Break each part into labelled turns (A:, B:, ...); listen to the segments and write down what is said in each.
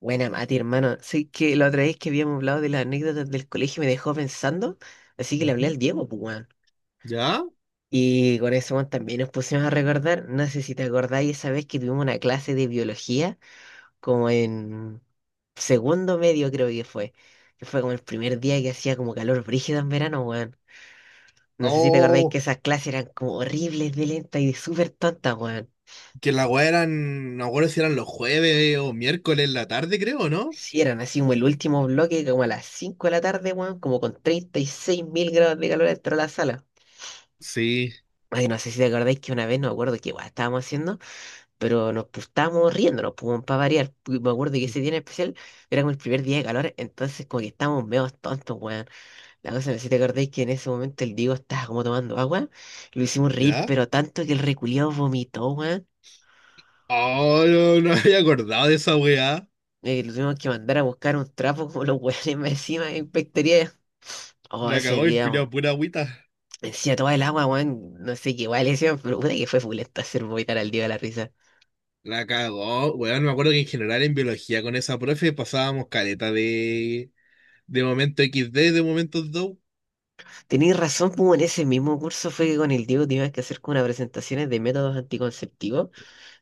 A: Buena, Mati, hermano. Sí, que la otra vez que habíamos hablado de las anécdotas del colegio me dejó pensando, así que le hablé
B: Ujú.
A: al Diego, pues, weón.
B: ¿Ya?
A: Y con eso, weón, también nos pusimos a recordar, no sé si te acordáis esa vez que tuvimos una clase de biología, como en segundo medio creo que fue como el primer día que hacía como calor brígido en verano, weón. No sé si te acordáis que
B: Oh,
A: esas clases eran como horribles de lentas y súper tontas, weón.
B: que la weá eran, no me acuerdo si eran los jueves o miércoles en la tarde, creo, ¿no?
A: Sí, eran así como el último bloque, como a las 5 de la tarde, weón, como con 36.000 grados de calor dentro de la sala.
B: Sí.
A: Ay, no sé si te acordáis que una vez, no me acuerdo qué guay estábamos haciendo, pero nos pues, estábamos riéndonos, pues, para variar. Me acuerdo que ese día en especial era como el primer día de calor, entonces como que estábamos medio tontos, weón. La cosa, no sé si te acordáis que en ese momento el Diego estaba como tomando agua, lo hicimos reír,
B: ¿Ya?
A: pero tanto que el reculiao vomitó, weón.
B: Oh, no, no me había acordado de esa weá.
A: Lo tuvimos que mandar a buscar un trapo como los weones más encima en Pectoría. Oh,
B: La
A: ese
B: cagó el
A: día,
B: culiao,
A: weón.
B: pura agüita.
A: Encima toda el agua, weón. No sé qué guay le hicieron, pero puta que fue fulento hacer vomitar al Diego de la risa.
B: La cagó. Weón, me acuerdo que en general en biología con esa profe pasábamos caleta de momento XD, de momentos do.
A: Tenéis razón, pues en ese mismo curso fue que con el Diego tuvimos que hacer como unas presentaciones de métodos anticonceptivos.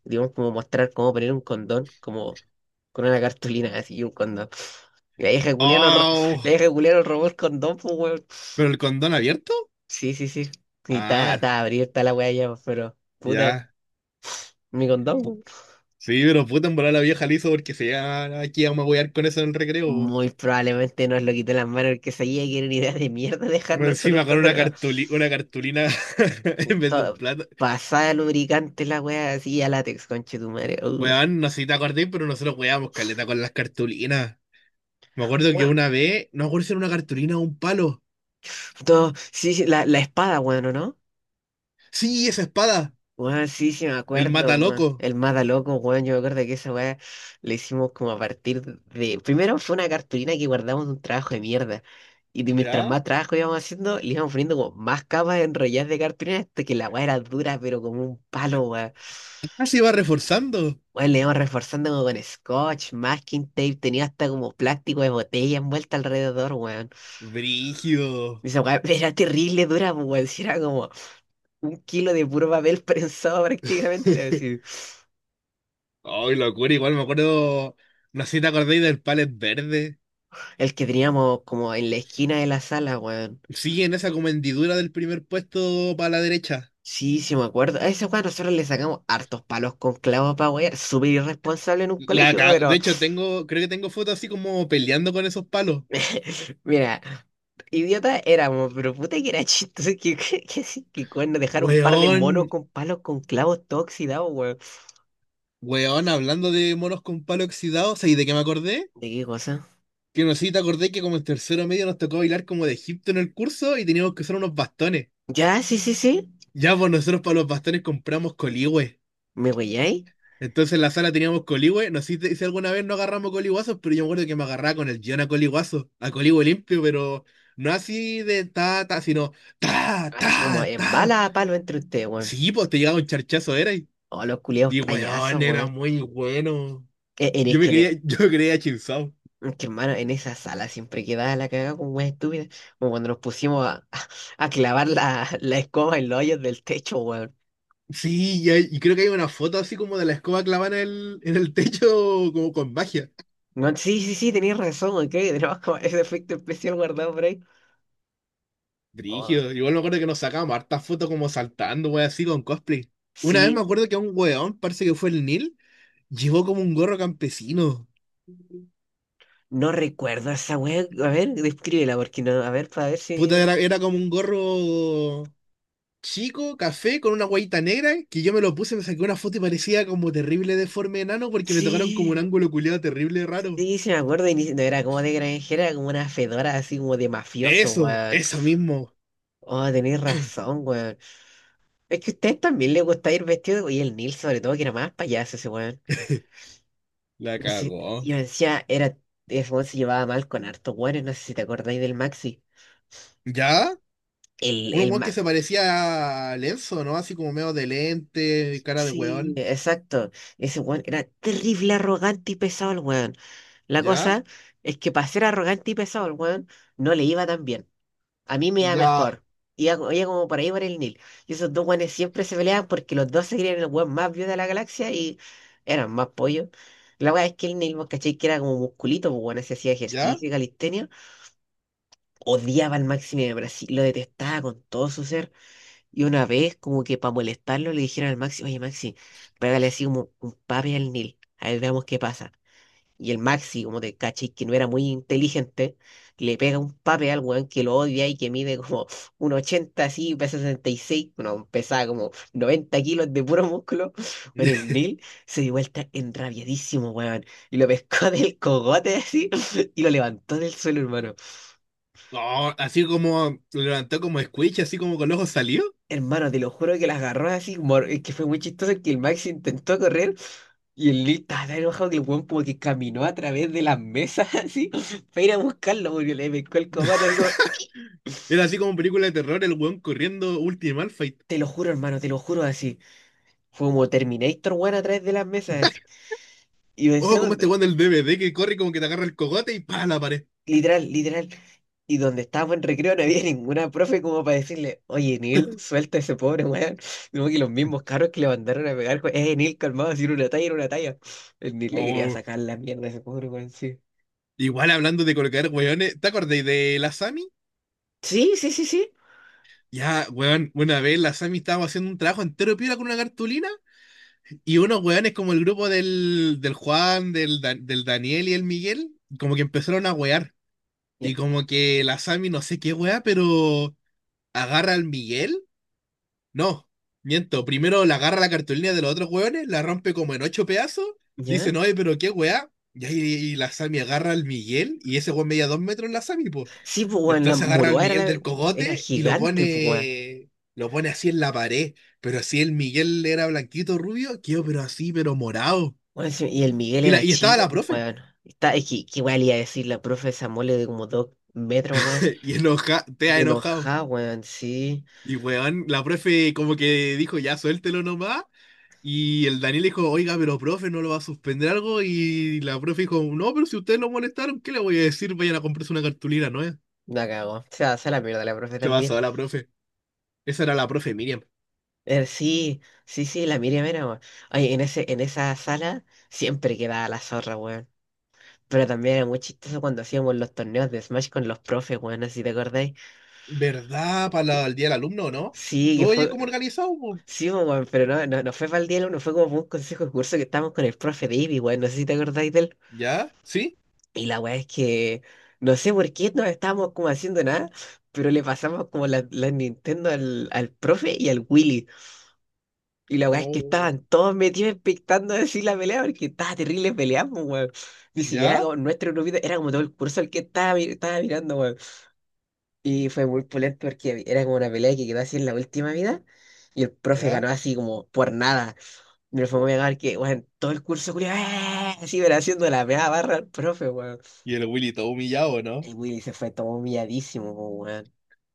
A: Tuvimos como mostrar cómo poner un condón, como con una cartulina así y un condón. La vieja culiá
B: Oh,
A: la vieja culiá nos robó el condón, pues weón.
B: ¿pero el condón abierto?
A: Sí, sí, sí. Y
B: Ah,
A: está abierta la weá ya, pues, pero puta,
B: ya.
A: mi condón,
B: Pu-
A: weón.
B: Sí, pero puta en volar la vieja liso porque se ya aquí vamos a wear con eso en el recreo.
A: Muy probablemente nos lo quitó en las manos el que sabía que era una idea de mierda dejarnos con un
B: Encima con
A: condón
B: una una cartulina en
A: Y
B: vez de un
A: todo,
B: plato.
A: pasada lubricante la weá así a látex, conche tu madre.
B: Weón, no sé si te acordás, pero nosotros weábamos caleta con las cartulinas. Me acuerdo que una vez, no me acuerdo si era una cartulina o un palo.
A: Todo, sí, sí, la espada, weón, ¿o no?
B: Sí, esa espada,
A: Weón, sí, sí, me
B: el
A: acuerdo, weón.
B: mataloco.
A: El mata loco, weón. Yo me acuerdo que esa weá le hicimos como a partir de. Primero fue una cartulina que guardamos de un trabajo de mierda. Mientras
B: ¿Ya?
A: más trabajo íbamos haciendo, le íbamos poniendo como más capas enrolladas de cartulina hasta que la weá era dura, pero como un palo, weón.
B: Ah, se iba reforzando.
A: Weón, le íbamos reforzando como con scotch, masking tape, tenía hasta como plástico de botella envuelta alrededor, weón.
B: Brígido.
A: Y esa weá era terrible dura, pues, weón. Si era como. Un kilo de puro papel prensado prácticamente, así.
B: Ay, locura, igual me acuerdo. No sé si te acordáis del palet verde.
A: El que teníamos como en la esquina de la sala, weón.
B: Sí, en esa como hendidura del primer puesto para la derecha.
A: Sí, sí me acuerdo. A ese weón nosotros le sacamos hartos palos con clavos para wear. Súper irresponsable en un colegio,
B: De
A: pero
B: hecho, tengo, creo que tengo fotos así como peleando con esos palos.
A: mira, idiota éramos, pero puta que era chistoso que sí, que cuando dejar un par de
B: Weón,
A: monos con palos con clavos todo oxidado, weón.
B: weón, hablando de monos con palo oxidado, ¿sabes de qué me acordé?
A: ¿De qué cosa?
B: Que no sé si te acordé que como en tercero medio nos tocó bailar como de Egipto en el curso y teníamos que usar unos bastones.
A: Ya, sí, sí, sí.
B: Ya, pues nosotros para los bastones compramos coligüe.
A: ¿Me weyáis?
B: Entonces en la sala teníamos coligüe. No sé si alguna vez no agarramos coligüazos, pero yo me acuerdo que me agarraba con el guión a coligüazo, a coligüe limpio, pero no así de ta, ta, sino ta,
A: Así como
B: ta,
A: en
B: ta.
A: bala a palo entre ustedes, weón.
B: Sí, pues te llegaba un charchazo, era.
A: Oh, los culiados
B: Y weón,
A: payasos,
B: era
A: weón.
B: muy bueno.
A: E- en- Es
B: Yo me
A: que
B: quería,
A: en,
B: yo me creía chinzao.
A: Es que, hermano, en esa sala siempre quedaba la cagada como más estúpida, como cuando nos pusimos a clavar la escoba en los hoyos del techo, weón.
B: Sí, y creo que hay una foto así como de la escoba clavada en en el techo, como con magia.
A: No, sí, sí, sí, tenías razón, ok, tenemos como ese efecto especial guardado por ahí. Oh,
B: Brígido. Igual me acuerdo que nos sacábamos hartas fotos como saltando, wey, así con cosplay. Una vez me
A: sí,
B: acuerdo que un weón, parece que fue el Neil, llevó como un gorro campesino.
A: no recuerdo esa weá. A ver, descríbela, porque no, a ver, para ver si.
B: Puta, era como un gorro chico, café, con una guayita negra, que yo me lo puse, me saqué una foto y parecía como terrible deforme enano porque me tocaron como un
A: Sí,
B: ángulo culiado terrible raro.
A: sí, sí me acuerdo, y no era como de granjera, era como una fedora así como de mafioso,
B: Eso,
A: weón.
B: eso mismo.
A: Oh, tenés razón, weón. Es que a ustedes también les gusta ir vestido, y el Neil sobre todo, que era más payaso ese weón.
B: La
A: No sé,
B: cagó.
A: yo decía, era, ese weón se llevaba mal con hartos weones, no sé si te acordáis del Maxi.
B: ¿Ya?
A: El,
B: Un
A: el
B: weón que
A: Maxi,
B: se parecía a Lenzo, ¿no? Así como medio de lente, cara de
A: sí,
B: weón.
A: exacto. Ese weón era terrible, arrogante y pesado el weón. La
B: ¿Ya?
A: cosa es que para ser arrogante y pesado el weón, no le iba tan bien. A mí me da
B: Ya,
A: mejor. Iba, iba como por ahí por el Nil. Y esos dos guanes siempre se peleaban porque los dos se creían el guan más viejo de la galaxia y eran más pollos. La weá es que el Nil, vos cachai que era como musculito, pues bueno, se hacía
B: ya.
A: ejercicio y calistenia. Odiaba al Máximo de Brasil, lo detestaba con todo su ser. Y una vez, como que para molestarlo, le dijeron al Maxi, oye Maxi, pégale así como un papi al Nil. A ver, veamos qué pasa. Y el Maxi, como te caché, que no era muy inteligente, le pega un pape al weón que lo odia y que mide como 1,80 así, pesa 66 no, pesaba como 90 kilos de puro músculo. Bueno, el Neil se dio vuelta enrabiadísimo, weón, y lo pescó del cogote así y lo levantó del suelo, hermano.
B: No, así como lo levantó como Squeech, así como con los ojos salió.
A: Hermano, te lo juro que las agarró así, es que fue muy chistoso que el Maxi intentó correr y el Neil estaba tan enojado que el weón como que caminó a través de las mesas así para ir a buscarlo porque le pescó el cogote así como...
B: Era así como película de terror, el weón corriendo Ultimate Fight.
A: Te lo juro, hermano, te lo juro así. Fue como Terminator, weón, a través de las mesas. Así. Y
B: Ojo,
A: decía
B: como este
A: donde,
B: weón del DVD que corre como que te agarra el cogote y pa, la pared.
A: literal, literal. Y donde estábamos en recreo no había ninguna profe como para decirle, oye, Neil, suelta a ese pobre weón. Como que los mismos carros que le mandaron a pegar, weón, Neil, calmado, si era una talla, era una talla. El Neil le quería
B: Oh.
A: sacar la mierda a ese pobre weón, sí.
B: Igual hablando de colocar weones, ¿te acordáis de la Sami?
A: Sí, sí, sí, sí.
B: Ya, weón, una vez la Sami estaba haciendo un trabajo entero piola con una cartulina. Y unos weones como el grupo del Juan, del Daniel y el Miguel, como que empezaron a wear.
A: Ya,
B: Y como que la Sami no sé qué wea, pero agarra al Miguel. No, miento. Primero la agarra la cartulina de los otros weones, la rompe como en ocho pedazos.
A: ya.
B: Dicen, oye, pero qué wea. Y ahí y la Sami agarra al Miguel y ese weón medía 2 metros la Sami, pues.
A: Sí, pues, weón, la
B: Entonces agarra al
A: moroa era,
B: Miguel
A: la-
B: del
A: era
B: cogote y
A: gigante, pues, weón.
B: lo pone así en la pared. Pero así el Miguel era blanquito, rubio, quedó pero así, pero morado.
A: Bueno, sí, y el Miguel
B: Y, la,
A: era
B: y estaba
A: chico,
B: la
A: pues,
B: profe.
A: weón. Que igual iba a decir la profe esa mole de como 2 metros, weón.
B: Y enoja, te ha
A: Y
B: enojado.
A: enojada, weón, sí.
B: Y weón, la profe como que dijo, ya suéltelo nomás. Y el Daniel dijo, oiga, pero profe, ¿no lo va a suspender algo? Y la profe dijo, no, pero si ustedes lo molestaron, ¿qué le voy a decir? Vayan a comprarse una cartulina, ¿no es?
A: La cagó. O sea, se la mierda la profe
B: Se
A: también.
B: pasó a la profe. Esa era la profe Miriam.
A: Sí, sí, sí, la Miriam era, weón. Ay, en esa sala siempre quedaba la zorra, weón. Pero también era muy chistoso cuando hacíamos los torneos de Smash con los profes, weón, no sé si te acordáis.
B: ¿Verdad? Para el día del alumno, ¿no?
A: Sí, que
B: ¿Tú oyes cómo
A: fue.
B: organizado? Po?
A: Sí, pues, weón, pero no, no, no fue para el día, no fue como por un consejo de curso que estábamos con el profe de Ivy, weón, no sé si te acordáis de él.
B: ¿Ya? ¿Sí?
A: Y la weá es que no sé por qué no estábamos como haciendo nada, pero le pasamos como la Nintendo al profe y al Willy. Y la weá es que
B: Oh,
A: estaban todos metidos expectando decir la pelea, porque estaba terrible pelea, pues, weón. Ni siquiera
B: ¿ya?
A: como nuestro grupito, era como todo el curso el que estaba, estaba mirando, weón. Y fue muy pulento porque era como una pelea que quedó así en la última vida. Y el profe ganó
B: ¿Ya?
A: así como por nada. Me fue
B: Oh.
A: muy a que, weón, todo el curso, culiao, ¡eh! Así, pero haciendo la meada barra al profe, weón.
B: Y el Willy todo humillado, ¿no?
A: El Willy se fue todo humilladísimo, po, weón.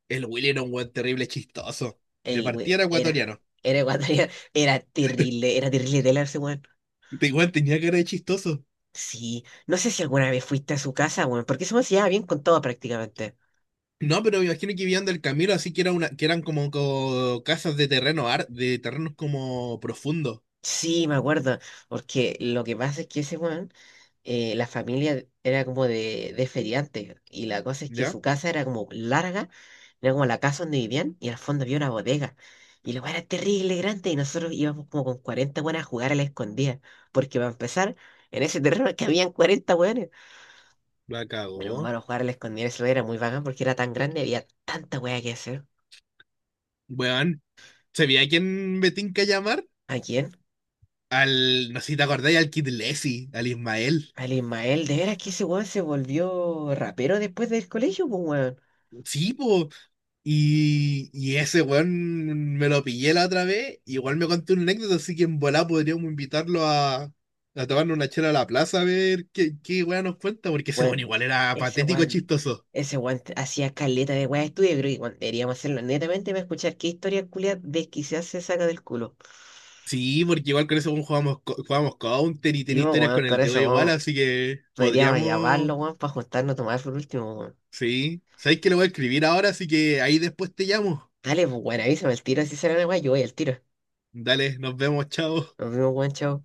B: El Willy era un weón terrible chistoso. De
A: El
B: partida
A: we-
B: era
A: era,
B: ecuatoriano.
A: era cuando era terrible, era terrible de ese weón.
B: Te weón tenía que de chistoso.
A: Sí, no sé si alguna vez fuiste a su casa, weón, porque se me hacía bien con todo prácticamente.
B: No, pero me imagino que vivían del camino, así que era una, que eran como, casas de de terrenos como profundos.
A: Sí, me acuerdo, porque lo que pasa es que ese weón, la familia era como de feriantes, y la cosa es que
B: ¿Ya?
A: su casa era como larga, era como la casa donde vivían, y al fondo había una bodega, y la weá era terrible, grande, y nosotros íbamos como con 40 weones a jugar a la escondida, porque para empezar, en ese terreno que habían 40 weones,
B: La
A: mi
B: cagó.
A: hermano jugar a la escondida eso era muy bacán, porque era tan grande, había tanta weá que hacer.
B: Weón. ¿Sabía a quién me tinca llamar?
A: ¿A quién?
B: Al, no sé si te acordáis, al Kid Leslie, al Ismael.
A: Al Ismael, de veras que ese weón se volvió rapero después del colegio, pues weón.
B: Sí, po. Y ese weón me lo pillé la otra vez, igual me contó una anécdota, así que en volá podríamos invitarlo a tomarnos una chela a la plaza a ver qué, qué weón nos cuenta, porque ese weón
A: Weón,
B: igual era
A: ese
B: patético
A: weón,
B: chistoso.
A: ese weón hacía caleta de weá de estudio, creo que weón, deberíamos hacerlo netamente para escuchar qué historia culia desquiciada se saca del culo.
B: Sí, porque igual con ese weón jugamos, jugamos Counter y tiene
A: Yo,
B: historias
A: weón,
B: con
A: con
B: el dedo
A: ese
B: igual,
A: weón,
B: así que
A: podríamos llamarlo,
B: podríamos,
A: weón, para juntarnos a tomar por último, weón.
B: sí. ¿Sabéis que lo voy a escribir ahora? Así que ahí después te llamo.
A: Dale, pues, weón, avísame el tiro, si sale la weá, yo voy al tiro.
B: Dale, nos vemos, chao.
A: Nos vemos, weón, chao.